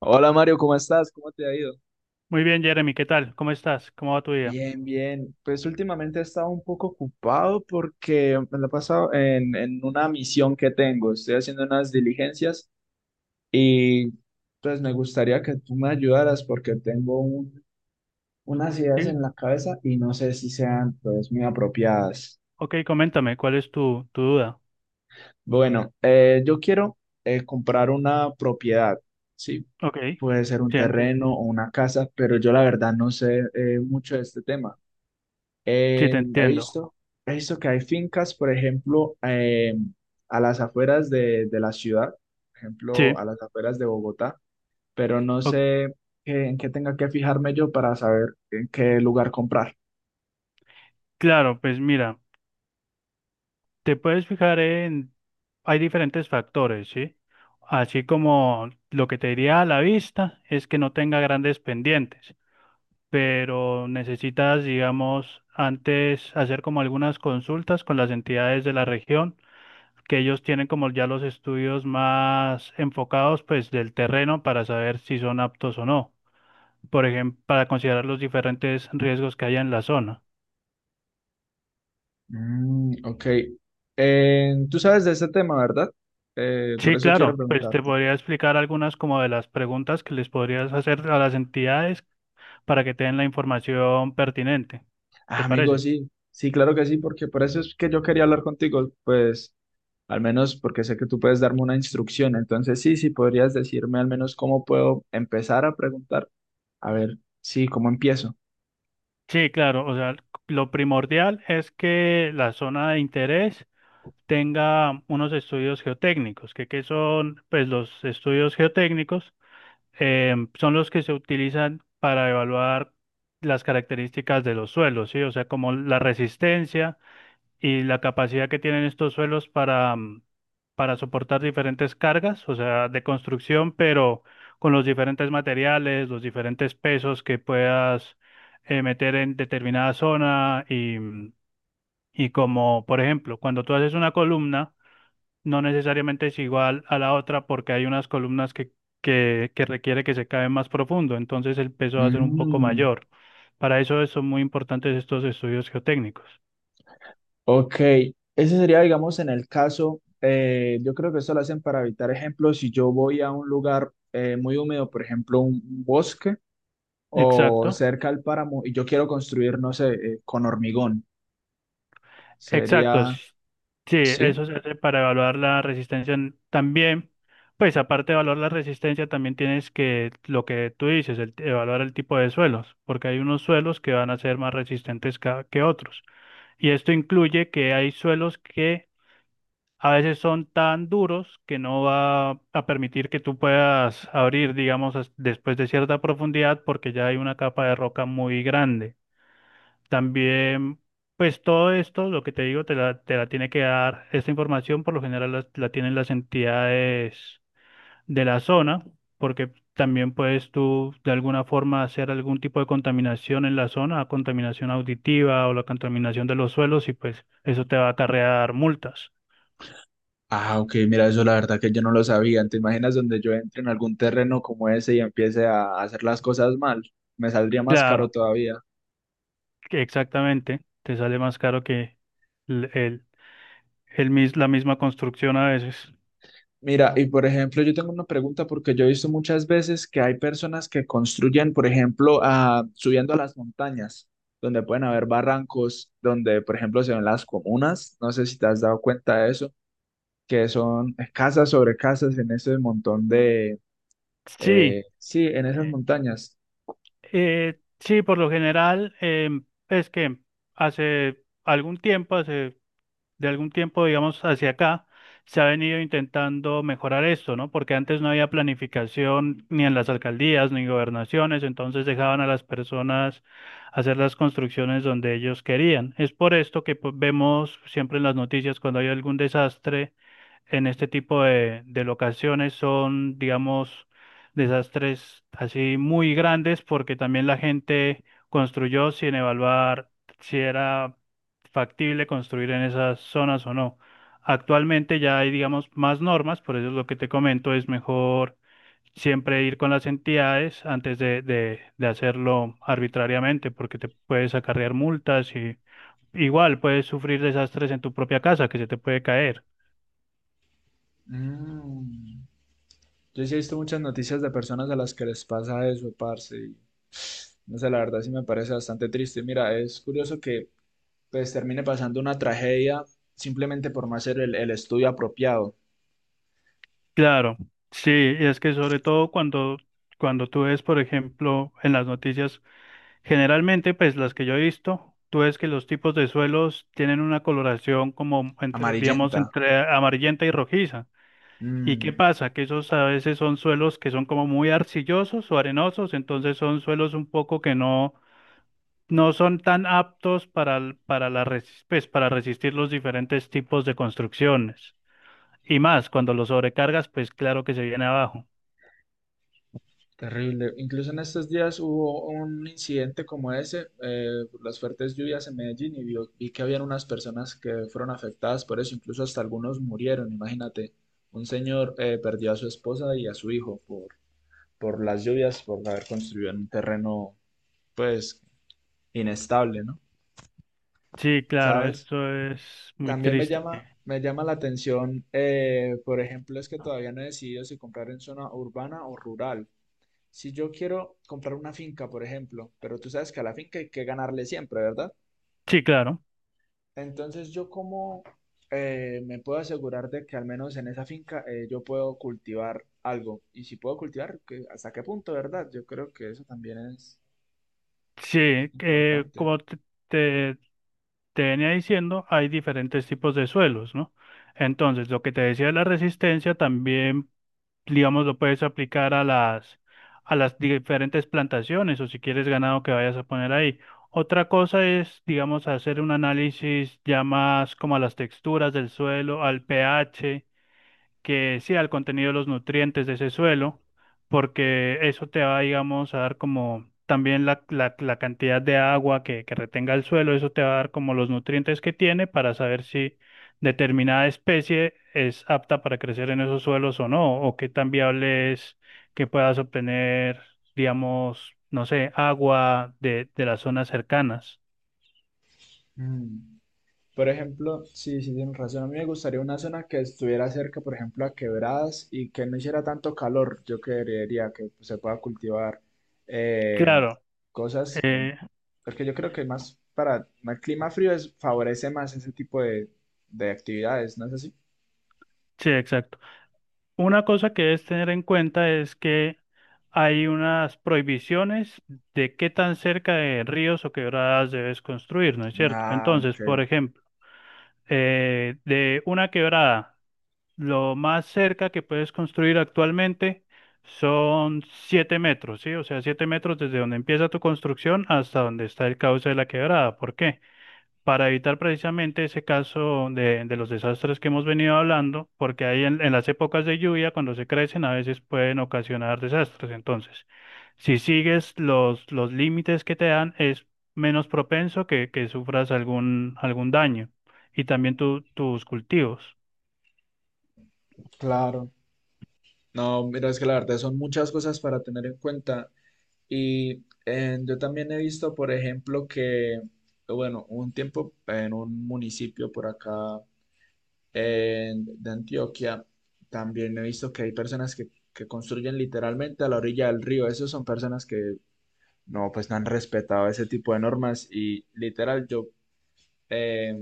Hola Mario, ¿cómo estás? ¿Cómo te ha ido? Muy bien, Jeremy, ¿qué tal? ¿Cómo estás? ¿Cómo va tu día? Bien, bien. Pues últimamente he estado un poco ocupado porque me la he pasado en una misión que tengo. Estoy haciendo unas diligencias y pues me gustaría que tú me ayudaras porque tengo unas ideas Sí, en la cabeza y no sé si sean pues muy apropiadas. ok, coméntame, ¿cuál es tu duda? Bueno, yo quiero comprar una propiedad, ¿sí? Ok, Puede ser un sí, terreno o una casa, pero yo la verdad no sé mucho de este tema. sí, te He entiendo. visto, he visto que hay fincas, por ejemplo, a las afueras de la ciudad, por ejemplo, Sí, a las afueras de Bogotá, pero no o- sé en qué tenga que fijarme yo para saber en qué lugar comprar. claro, pues mira, te puedes fijar en, hay diferentes factores, ¿sí? Así como lo que te diría a la vista es que no tenga grandes pendientes, pero necesitas, digamos, antes hacer como algunas consultas con las entidades de la región, que ellos tienen como ya los estudios más enfocados pues del terreno para saber si son aptos o no, por ejemplo, para considerar los diferentes riesgos que haya en la zona. Mm, ok. Tú sabes de ese tema, ¿verdad? Por Sí, eso quiero claro, pues te preguntarte. podría explicar algunas como de las preguntas que les podrías hacer a las entidades para que te den la información pertinente. Ah, ¿Te amigo, parece? sí, sí, claro que sí, porque por eso es que yo quería hablar contigo, pues al menos porque sé que tú puedes darme una instrucción, entonces sí, sí, podrías decirme al menos cómo puedo empezar a preguntar, a ver, sí, cómo empiezo. Sí, claro, o sea, lo primordial es que la zona de interés tenga unos estudios geotécnicos, que son pues los estudios geotécnicos, son los que se utilizan para evaluar las características de los suelos, ¿sí? O sea, como la resistencia y la capacidad que tienen estos suelos para, para soportar diferentes cargas, o sea, de construcción, pero con los diferentes materiales, los diferentes pesos que puedas meter en determinada zona y, y como, por ejemplo, cuando tú haces una columna, no necesariamente es igual a la otra, porque hay unas columnas que requiere que se cabe más profundo, entonces el peso va a ser un poco Mm, mayor. Para eso son muy importantes estos estudios geotécnicos. ok, ese sería, digamos, en el caso, yo creo que eso lo hacen para evitar ejemplos, si yo voy a un lugar muy húmedo, por ejemplo, un bosque o Exacto, cerca al páramo y yo quiero construir, no sé, con hormigón, exacto. sería, Sí, sí. eso se hace para evaluar la resistencia. También, pues aparte de evaluar la resistencia, también tienes que, lo que tú dices, evaluar el tipo de suelos, porque hay unos suelos que van a ser más resistentes que otros. Y esto incluye que hay suelos que a veces son tan duros que no va a permitir que tú puedas abrir, digamos, después de cierta profundidad, porque ya hay una capa de roca muy grande. También, pues todo esto, lo que te digo, te la tiene que dar esta información, por lo general tienen las entidades de la zona, porque también puedes tú de alguna forma hacer algún tipo de contaminación en la zona, contaminación auditiva o la contaminación de los suelos, y pues eso te va a acarrear multas. Ah, ok, mira, eso la verdad que yo no lo sabía. ¿Te imaginas donde yo entre en algún terreno como ese y empiece a hacer las cosas mal? Me saldría más caro Claro. todavía. que Exactamente, te sale más caro que el, el- la misma construcción a veces. Mira, y por ejemplo, yo tengo una pregunta porque yo he visto muchas veces que hay personas que construyen, por ejemplo, ah, subiendo a las montañas, donde pueden haber barrancos, donde, por ejemplo, se ven las comunas. No sé si te has dado cuenta de eso, que son casas sobre casas en ese montón de, Sí, sí, en esas montañas. Sí, por lo general, es que hace algún tiempo, hace de algún tiempo, digamos, hacia acá, se ha venido intentando mejorar esto, ¿no? Porque antes no había planificación ni en las alcaldías ni gobernaciones, entonces dejaban a las personas hacer las construcciones donde ellos querían. Es por esto que pues, vemos siempre en las noticias cuando hay algún desastre en este tipo de locaciones, son, digamos, desastres así muy grandes porque también la gente construyó sin evaluar si era factible construir en esas zonas o no. Actualmente ya hay, digamos, más normas, por eso es lo que te comento, es mejor siempre ir con las entidades antes de hacerlo arbitrariamente, porque te puedes acarrear multas y igual puedes sufrir desastres en tu propia casa que se te puede caer. Mm. Yo sí he visto muchas noticias de personas a las que les pasa eso, parce. Y no sé, la verdad sí me parece bastante triste. Mira, es curioso que pues termine pasando una tragedia simplemente por no hacer el estudio apropiado. Claro, sí, y es que sobre todo cuando, cuando tú ves, por ejemplo, en las noticias, generalmente, pues las que yo he visto, tú ves que los tipos de suelos tienen una coloración como entre, digamos, Amarillenta. entre amarillenta y rojiza. ¿Y qué Mm, pasa? Que esos a veces son suelos que son como muy arcillosos o arenosos, entonces son suelos un poco que no, no son tan aptos para, para, pues, para resistir los diferentes tipos de construcciones. Y más, cuando los sobrecargas, pues claro que se viene abajo. terrible. Incluso en estos días hubo un incidente como ese, por las fuertes lluvias en Medellín y vi que habían unas personas que fueron afectadas por eso. Incluso hasta algunos murieron, imagínate. Un señor perdió a su esposa y a su hijo por las lluvias, por haber construido en un terreno, pues, inestable, ¿no? Sí, claro, ¿Sabes? esto es muy También me triste. llama, me llama la atención, por ejemplo, es que todavía no he decidido si comprar en zona urbana o rural. Si yo quiero comprar una finca, por ejemplo, pero tú sabes que a la finca hay que ganarle siempre, ¿verdad? Sí, claro. Entonces, yo cómo me puedo asegurar de que al menos en esa finca yo puedo cultivar algo. Y si puedo cultivar, ¿hasta qué punto, verdad? Yo creo que eso también es Sí, importante. como te, te venía diciendo, hay diferentes tipos de suelos, ¿no? Entonces, lo que te decía de la resistencia también, digamos, lo puedes aplicar a a las diferentes plantaciones o si quieres ganado que vayas a poner ahí. Otra cosa es, digamos, hacer un análisis ya más como a las texturas del suelo, al pH, que sea el contenido de los nutrientes de ese suelo, porque eso te va, digamos, a dar como también la cantidad de agua que retenga el suelo, eso te va a dar como los nutrientes que tiene para saber si determinada especie es apta para crecer en esos suelos o no, o qué tan viable es que puedas obtener, digamos, no sé, agua de las zonas cercanas. Mm. Por ejemplo, sí, sí, tienes razón. A mí me gustaría una zona que estuviera cerca, por ejemplo, a quebradas y que no hiciera tanto calor. Yo creería que pues, se pueda cultivar eh, Claro, cosas, eh, porque yo creo que más para el clima frío es, favorece más ese tipo de actividades, ¿no es así? sí, exacto. Una cosa que debes tener en cuenta es que hay unas prohibiciones de qué tan cerca de ríos o quebradas debes construir, ¿no es cierto? Ah, Entonces, ok, por ejemplo, de una quebrada, lo más cerca que puedes construir actualmente son 7 metros, ¿sí? O sea, 7 metros desde donde empieza tu construcción hasta donde está el cauce de la quebrada. ¿Por qué? Para evitar precisamente ese caso de los desastres que hemos venido hablando, porque ahí en las épocas de lluvia, cuando se crecen, a veces pueden ocasionar desastres. Entonces, si sigues los límites que te dan, es menos propenso que sufras algún daño y también tus cultivos. claro. No, mira, es que la verdad son muchas cosas para tener en cuenta. Y yo también he visto, por ejemplo, que, bueno, un tiempo en un municipio por acá de Antioquia, también he visto que hay personas que construyen literalmente a la orilla del río. Esas son personas que no, pues no han respetado ese tipo de normas y literal yo eh,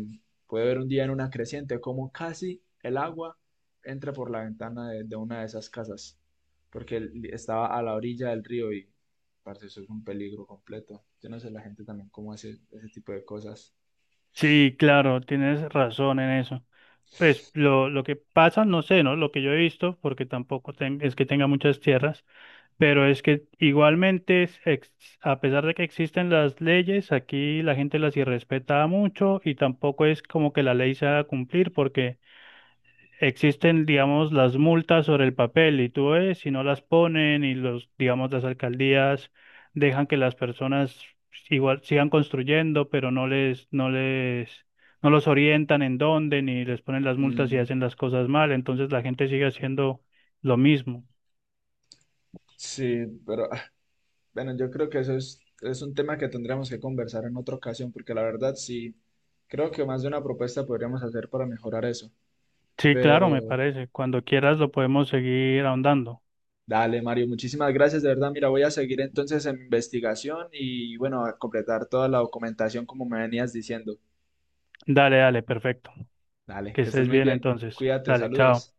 puedo ver un día en una creciente como casi el agua entra por la ventana de una de esas casas porque estaba a la orilla del río y parce, eso es un peligro completo. Yo no sé la gente también cómo hace ese tipo de cosas. Sí, claro, tienes razón en eso. Pues lo que pasa, no sé, ¿no? Lo que yo he visto, porque tampoco es que tenga muchas tierras. Pero es que igualmente, a pesar de que existen las leyes, aquí la gente las irrespeta mucho y tampoco es como que la ley se haga cumplir, porque existen, digamos, las multas sobre el papel y tú ves, si no las ponen, y los, digamos, las alcaldías dejan que las personas igual sigan construyendo, pero no los orientan en dónde ni les ponen las multas y Mm, hacen las cosas mal, entonces la gente sigue haciendo lo mismo. sí, pero bueno, yo creo que eso es un tema que tendremos que conversar en otra ocasión, porque la verdad sí, creo que más de una propuesta podríamos hacer para mejorar eso. Sí, claro, me Pero parece. Cuando quieras lo podemos seguir ahondando. dale, Mario, muchísimas gracias, de verdad. Mira, voy a seguir entonces en mi investigación y bueno, a completar toda la documentación como me venías diciendo. Dale, dale, perfecto. Dale, Que que estés estés muy bien bien. entonces. Cuídate, Dale, chao. saludos.